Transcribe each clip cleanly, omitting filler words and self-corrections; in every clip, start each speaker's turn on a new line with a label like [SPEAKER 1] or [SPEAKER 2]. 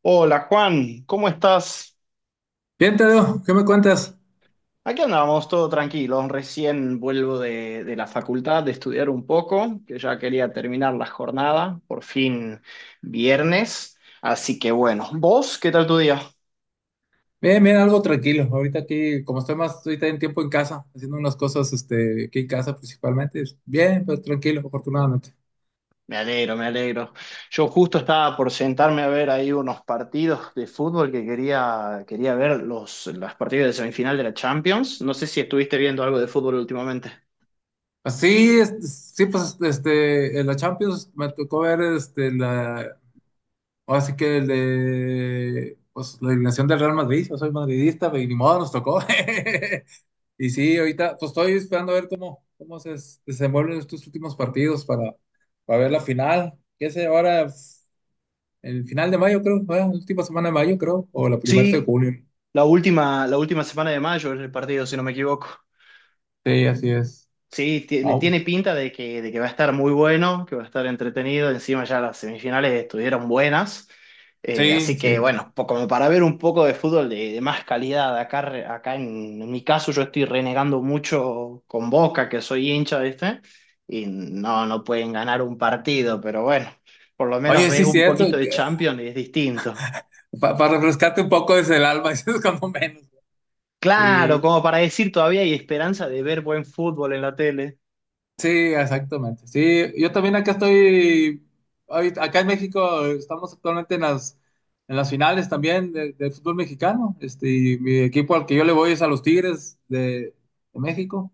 [SPEAKER 1] Hola Juan, ¿cómo estás?
[SPEAKER 2] Bien, Tadeo, ¿qué me cuentas?
[SPEAKER 1] Aquí andamos, todo tranquilo. Recién vuelvo de la facultad de estudiar un poco, que ya quería terminar la jornada, por fin viernes. Así que bueno, ¿vos qué tal tu día?
[SPEAKER 2] Bien, bien, algo tranquilo. Ahorita aquí, como estoy más, ahorita en tiempo en casa, haciendo unas cosas, este, aquí en casa principalmente. Es bien, pero tranquilo, afortunadamente.
[SPEAKER 1] Me alegro, me alegro. Yo justo estaba por sentarme a ver ahí unos partidos de fútbol que quería ver las partidas de semifinal de la Champions. No sé si estuviste viendo algo de fútbol últimamente.
[SPEAKER 2] Así, este, sí, pues, este, en la Champions me tocó ver, este, la, ahora sí que el de, pues, la eliminación del Real Madrid. Yo soy madridista, pero ni modo, nos tocó. Y sí, ahorita, pues, estoy esperando a ver cómo se desenvuelven estos últimos partidos para ver la final. ¿Qué sé ahora? El final de mayo, creo, fue la última semana de mayo, creo, o la primera de
[SPEAKER 1] Sí,
[SPEAKER 2] julio.
[SPEAKER 1] la última semana de mayo es el partido, si no me equivoco.
[SPEAKER 2] Sí, así es.
[SPEAKER 1] Sí,
[SPEAKER 2] Oh,
[SPEAKER 1] tiene pinta de de que va a estar muy bueno, que va a estar entretenido. Encima ya las semifinales estuvieron buenas.
[SPEAKER 2] sí,
[SPEAKER 1] Así que
[SPEAKER 2] sí.
[SPEAKER 1] bueno, como para ver un poco de fútbol de más calidad. Acá, re- acá En mi caso yo estoy renegando mucho con Boca, que soy hincha, ¿viste? Y no, no pueden ganar un partido, pero bueno, por lo menos
[SPEAKER 2] Oye,
[SPEAKER 1] ves
[SPEAKER 2] sí,
[SPEAKER 1] un poquito
[SPEAKER 2] cierto.
[SPEAKER 1] de Champions y es distinto.
[SPEAKER 2] Para refrescarte un poco desde el alma, eso es cuando menos.
[SPEAKER 1] Claro,
[SPEAKER 2] Sí.
[SPEAKER 1] como para decir todavía hay esperanza de ver buen fútbol en la tele.
[SPEAKER 2] Sí, exactamente. Sí, yo también acá estoy, acá en México estamos actualmente en las finales también del fútbol mexicano. Este, y mi equipo al que yo le voy es a los Tigres de México.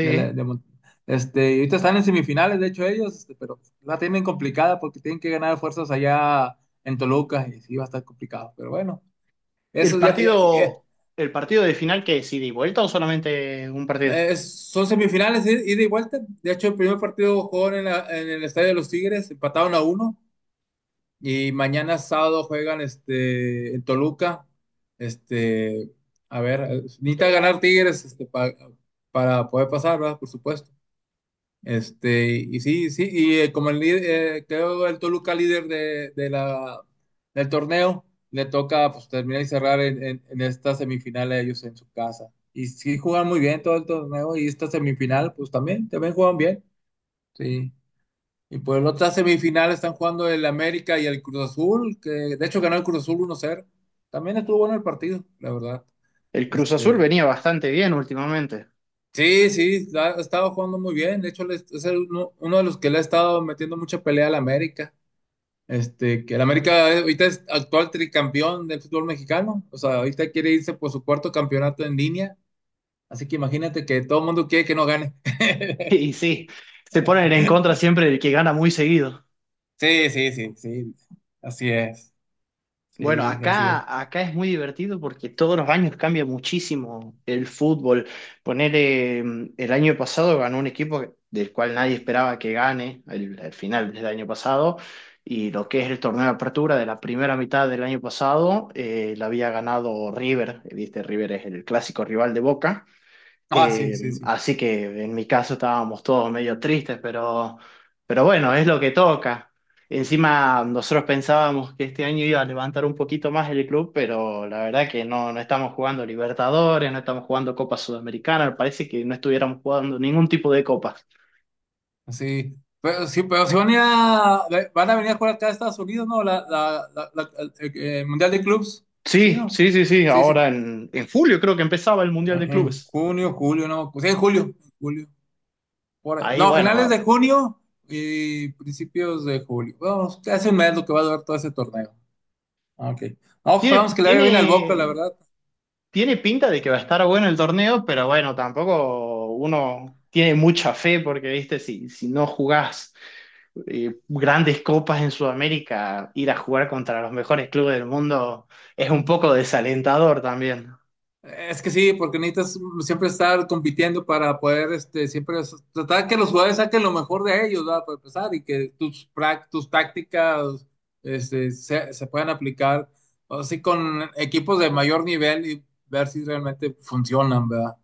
[SPEAKER 2] De la- de Mon- Este, y ahorita están en semifinales, de hecho ellos, este, pero la tienen complicada porque tienen que ganar fuerzas allá en Toluca y sí va a estar complicado. Pero bueno,
[SPEAKER 1] ¿El
[SPEAKER 2] eso ya, ya.
[SPEAKER 1] partido, el partido de final que es ida y vuelta o solamente un partido?
[SPEAKER 2] Son semifinales, ida y vuelta. De hecho, el primer partido jugaron en el Estadio de los Tigres, empataron a uno. Y mañana sábado juegan este, en Toluca. Este, a ver, necesita ganar Tigres este, para poder pasar, ¿verdad? Por supuesto. Este, y sí, sí, y como el líder, quedó el Toluca líder del torneo, le toca pues, terminar y cerrar en esta semifinal a ellos en su casa. Y sí juegan muy bien todo el torneo y esta semifinal, pues también juegan bien. Sí. Y por la otra semifinal están jugando el América y el Cruz Azul, que de hecho ganó el Cruz Azul uno 0. También estuvo bueno el partido, la verdad.
[SPEAKER 1] El Cruz Azul
[SPEAKER 2] Este,
[SPEAKER 1] venía bastante bien últimamente.
[SPEAKER 2] sí, sí, ha estado jugando muy bien. De hecho, es el uno de los que le ha estado metiendo mucha pelea al América. Este, que el América ahorita es actual tricampeón del fútbol mexicano. O sea, ahorita quiere irse por su cuarto campeonato en línea. Así que imagínate que todo el mundo quiere que no gane.
[SPEAKER 1] Y sí, se ponen en contra siempre del que gana muy seguido.
[SPEAKER 2] Sí, sí, sí, sí. Así es.
[SPEAKER 1] Bueno,
[SPEAKER 2] Sí, así es.
[SPEAKER 1] acá es muy divertido porque todos los años cambia muchísimo el fútbol. Poner el año pasado ganó un equipo del cual nadie esperaba que gane el final del año pasado y lo que es el torneo de apertura de la primera mitad del año pasado la había ganado River, viste, River es el clásico rival de Boca.
[SPEAKER 2] Ah, sí, sí, sí.
[SPEAKER 1] Así que en mi caso estábamos todos medio tristes, pero bueno, es lo que toca. Encima nosotros pensábamos que este año iba a levantar un poquito más el club, pero la verdad que no, no estamos jugando Libertadores, no estamos jugando Copa Sudamericana, parece que no estuviéramos jugando ningún tipo de copas.
[SPEAKER 2] Sí. Pero sí, pero si van a venir a jugar acá a Estados Unidos, ¿no? El Mundial de Clubs. Sí,
[SPEAKER 1] Sí,
[SPEAKER 2] ¿no?
[SPEAKER 1] sí, sí, sí,
[SPEAKER 2] Sí, sí.
[SPEAKER 1] ahora en julio creo que empezaba el Mundial de
[SPEAKER 2] En
[SPEAKER 1] Clubes.
[SPEAKER 2] junio, julio, no, pues, sí, en julio, por ahí.
[SPEAKER 1] Ahí,
[SPEAKER 2] No, finales de
[SPEAKER 1] bueno,
[SPEAKER 2] junio y principios de julio. Vamos, hace un mes lo que va a durar todo ese torneo. Ok. No, pues,
[SPEAKER 1] tiene,
[SPEAKER 2] vamos que le vaya bien al Boca, la
[SPEAKER 1] tiene,
[SPEAKER 2] verdad.
[SPEAKER 1] Tiene pinta de que va a estar bueno el torneo, pero bueno, tampoco uno tiene mucha fe porque, viste, si no jugás grandes copas en Sudamérica, ir a jugar contra los mejores clubes del mundo es un poco desalentador también.
[SPEAKER 2] Es que sí, porque necesitas siempre estar compitiendo para poder, este, siempre tratar que los jugadores saquen lo mejor de ellos, ¿verdad? Para empezar, y que tus tácticas, este, se puedan aplicar así con equipos de mayor nivel y ver si realmente funcionan, ¿verdad?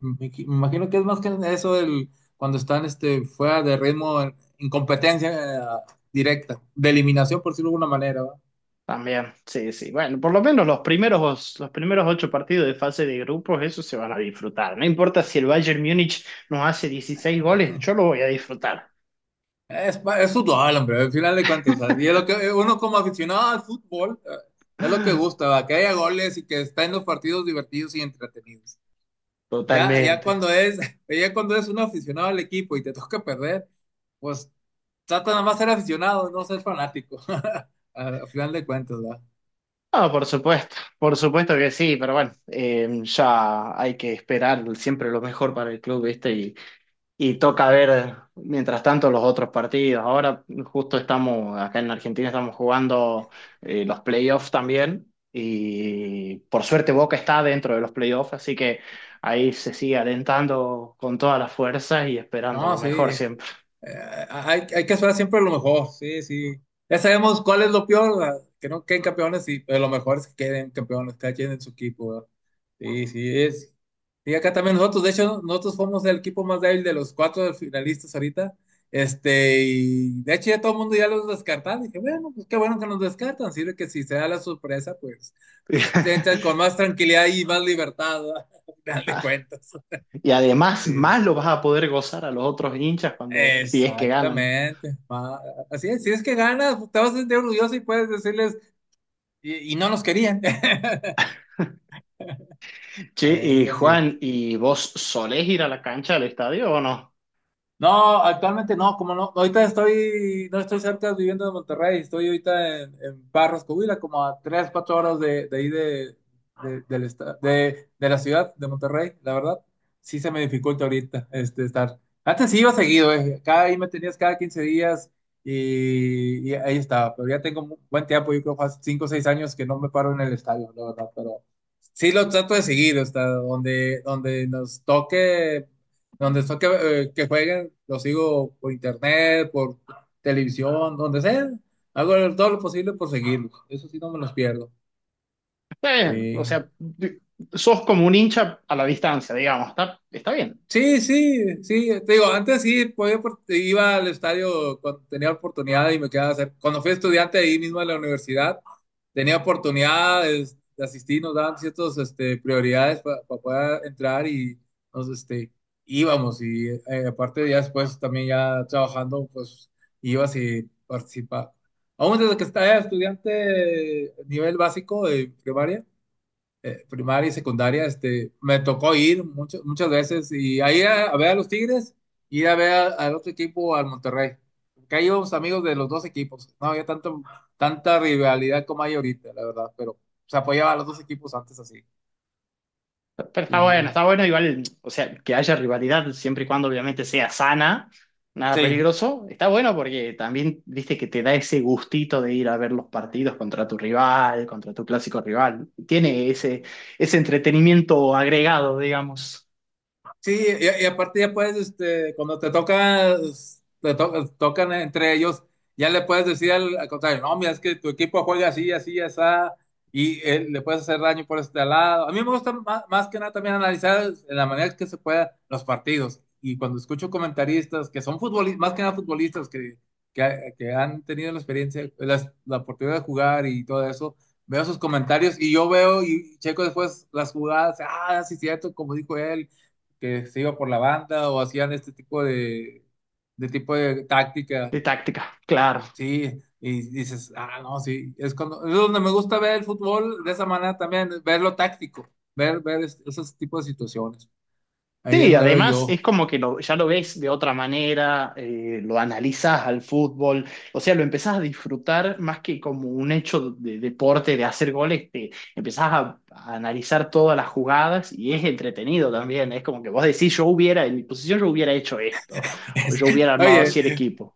[SPEAKER 2] Me imagino que es más que eso el, cuando están, este, fuera de ritmo, en competencia, directa, de eliminación, por decirlo de alguna manera.
[SPEAKER 1] También, sí, sí. Bueno, por lo menos los primeros ocho partidos de fase de grupos, eso se van a disfrutar. No importa si el Bayern Múnich nos hace 16 goles, yo lo voy a disfrutar.
[SPEAKER 2] Es fútbol, hombre, al final de cuentas. O sea, y es lo que uno como aficionado al fútbol, es lo que gusta, ¿va? Que haya goles y que estén los partidos divertidos y entretenidos. Ya, ya
[SPEAKER 1] Totalmente.
[SPEAKER 2] cuando es, ya cuando es un aficionado al equipo y te toca perder, pues trata nada más ser aficionado, no ser fanático. Al final de cuentas, ¿va?
[SPEAKER 1] No, por supuesto que sí, pero bueno, ya hay que esperar siempre lo mejor para el club, ¿viste? Y toca ver mientras tanto los otros partidos. Ahora justo estamos, acá en Argentina estamos jugando los playoffs también y por suerte Boca está dentro de los playoffs, así que ahí se sigue alentando con todas las fuerzas y esperando
[SPEAKER 2] No,
[SPEAKER 1] lo
[SPEAKER 2] sí.
[SPEAKER 1] mejor
[SPEAKER 2] Eh,
[SPEAKER 1] siempre.
[SPEAKER 2] hay que esperar siempre lo mejor, sí, sí. Ya sabemos cuál es lo peor, ¿verdad? Que no queden campeones, sí, pero lo mejor es que queden campeones, cada quien en su equipo, ¿verdad? Sí, sí, es. Y acá también nosotros, de hecho, nosotros fuimos el equipo más débil de los cuatro finalistas ahorita. Este, y de hecho ya todo el mundo ya los descartaba. Dije, bueno, pues qué bueno que nos descartan. Sirve que si se da la sorpresa, pues entran con más tranquilidad y más libertad, ¿verdad? Al final de cuentas.
[SPEAKER 1] Y además,
[SPEAKER 2] Sí.
[SPEAKER 1] más lo vas a poder gozar a los otros hinchas cuando, si es que ganan.
[SPEAKER 2] Exactamente. Así es, si es que ganas, te vas a sentir orgulloso y puedes decirles, y no nos querían.
[SPEAKER 1] Sí, y
[SPEAKER 2] Así es.
[SPEAKER 1] Juan, ¿y vos solés ir a la cancha del estadio o no?
[SPEAKER 2] No, actualmente no, como no, ahorita estoy, no estoy cerca viviendo de Monterrey, estoy ahorita en Barros, Coahuila, como a tres, cuatro horas de ahí de la ciudad de Monterrey, la verdad, sí se me dificulta ahorita este, estar. Antes sí iba seguido, cada ahí me tenías cada 15 días y ahí estaba, pero ya tengo buen tiempo, yo creo que hace cinco o seis años que no me paro en el estadio, la verdad. Sí, lo trato de seguir, o sea, donde nos toque, que jueguen, lo sigo por internet, por televisión, donde sea. Hago todo lo posible por seguirlos. Eso sí, no me los pierdo.
[SPEAKER 1] Está bien, o
[SPEAKER 2] Sí.
[SPEAKER 1] sea, sos como un hincha a la distancia, digamos, está, está bien,
[SPEAKER 2] Sí, sí, sí, te digo, antes sí podía, iba al estadio cuando tenía oportunidad y me quedaba cerca. Cuando fui estudiante ahí mismo en la universidad, tenía oportunidades de asistir, nos daban ciertas este, prioridades para poder entrar y nos este, íbamos. Y aparte ya después también ya trabajando, pues ibas y participaba. Aún desde que estaba estudiante nivel básico de primaria, primaria y secundaria, este, me tocó ir muchas veces y ahí a ver a los Tigres y ir a ver al otro equipo, al Monterrey. Que ahí íbamos amigos de los dos equipos. No había tanta rivalidad como hay ahorita, la verdad, pero se apoyaba a los dos equipos antes así.
[SPEAKER 1] pero
[SPEAKER 2] Sí.
[SPEAKER 1] está bueno igual, o sea, que haya rivalidad siempre y cuando obviamente sea sana, nada
[SPEAKER 2] Sí,
[SPEAKER 1] peligroso, está bueno porque también, viste, que te da ese gustito de ir a ver los partidos contra tu rival, contra tu clásico rival, tiene ese, ese entretenimiento agregado, digamos,
[SPEAKER 2] sí, y aparte ya puedes, este, cuando te tocas, tocan entre ellos, ya le puedes decir al contrario, no, mira, es que tu equipo juega así, así, así, y le puedes hacer daño por este lado. A mí me gusta más, más que nada también analizar en la manera que se pueda los partidos. Y cuando escucho comentaristas que son futbolistas, más que nada futbolistas que han tenido la experiencia, la oportunidad de jugar y todo eso, veo sus comentarios y yo veo y checo después las jugadas, ah, sí, cierto, como dijo él, que se iba por la banda o hacían este tipo de táctica.
[SPEAKER 1] de táctica, claro.
[SPEAKER 2] Sí, y dices, ah, no, sí, es cuando, es donde me gusta ver el fútbol de esa manera también, ver lo táctico, esos tipos de situaciones. Ahí es
[SPEAKER 1] Sí,
[SPEAKER 2] donde veo
[SPEAKER 1] además
[SPEAKER 2] yo.
[SPEAKER 1] es como que ya lo ves de otra manera, lo analizas al fútbol, o sea, lo empezás a disfrutar más que como un hecho de deporte, de hacer goles, te empezás a analizar todas las jugadas y es entretenido también, es como que vos decís, yo hubiera, en mi posición yo hubiera hecho esto, o
[SPEAKER 2] Es-
[SPEAKER 1] yo hubiera armado
[SPEAKER 2] Oye,
[SPEAKER 1] así el equipo,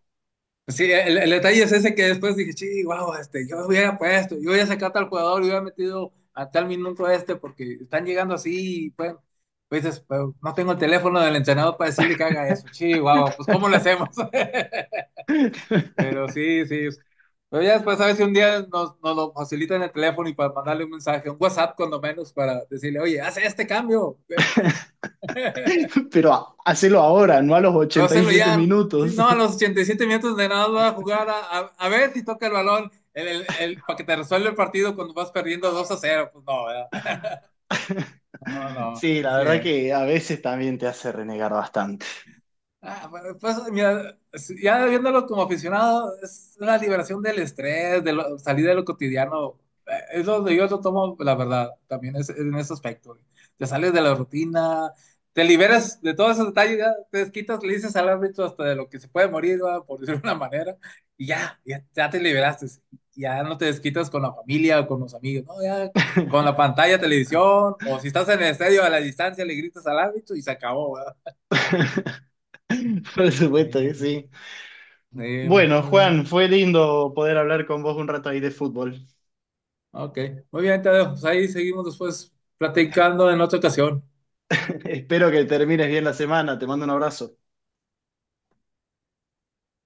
[SPEAKER 2] sí, el detalle es ese que después dije, sí, wow, este, yo hubiera puesto, yo hubiera sacado a tal jugador, yo hubiera metido a tal minuto este, porque están llegando así, y pues, pues dices, pero no tengo el teléfono del entrenador para decirle que haga eso, sí, wow, pues ¿cómo lo hacemos? Pero sí, sí, pero ya después a ver si un día nos lo facilitan el teléfono y para mandarle un mensaje, un WhatsApp cuando menos, para decirle, oye, haz este cambio.
[SPEAKER 1] pero hacelo ahora, no a los
[SPEAKER 2] Va a
[SPEAKER 1] ochenta y
[SPEAKER 2] hacerlo
[SPEAKER 1] siete
[SPEAKER 2] ya. Sí,
[SPEAKER 1] minutos.
[SPEAKER 2] no, a los 87 minutos de nada va a jugar a ver si toca el balón para que te resuelva el partido cuando vas perdiendo 2-0. Pues no, ¿verdad? No, no,
[SPEAKER 1] Sí, la
[SPEAKER 2] así
[SPEAKER 1] verdad
[SPEAKER 2] es.
[SPEAKER 1] que a veces también te hace renegar bastante.
[SPEAKER 2] Ah, pues, mira, sí, ya viéndolo como aficionado, es una liberación del estrés, salir de lo cotidiano. Es donde yo lo tomo, la verdad, también es, en ese aspecto. Te sales de la rutina, te liberas de todos esos detalles, ya te desquitas, le dices al árbitro hasta de lo que se puede morir, ¿va? Por decirlo de una manera, y ya, ya, ya te liberaste. Ya no te desquitas con la familia o con los amigos, ¿no? Ya con la pantalla, televisión, o si estás en el estadio a la distancia, le gritas al árbitro y se acabó, ¿verdad?
[SPEAKER 1] Por supuesto
[SPEAKER 2] Eh,
[SPEAKER 1] que sí.
[SPEAKER 2] Sí,
[SPEAKER 1] Bueno,
[SPEAKER 2] muy bien.
[SPEAKER 1] Juan, fue lindo poder hablar con vos un rato ahí de fútbol.
[SPEAKER 2] Ok, muy bien, Tadeo. Pues ahí seguimos después platicando en otra ocasión.
[SPEAKER 1] Espero que termines bien la semana. Te mando un abrazo.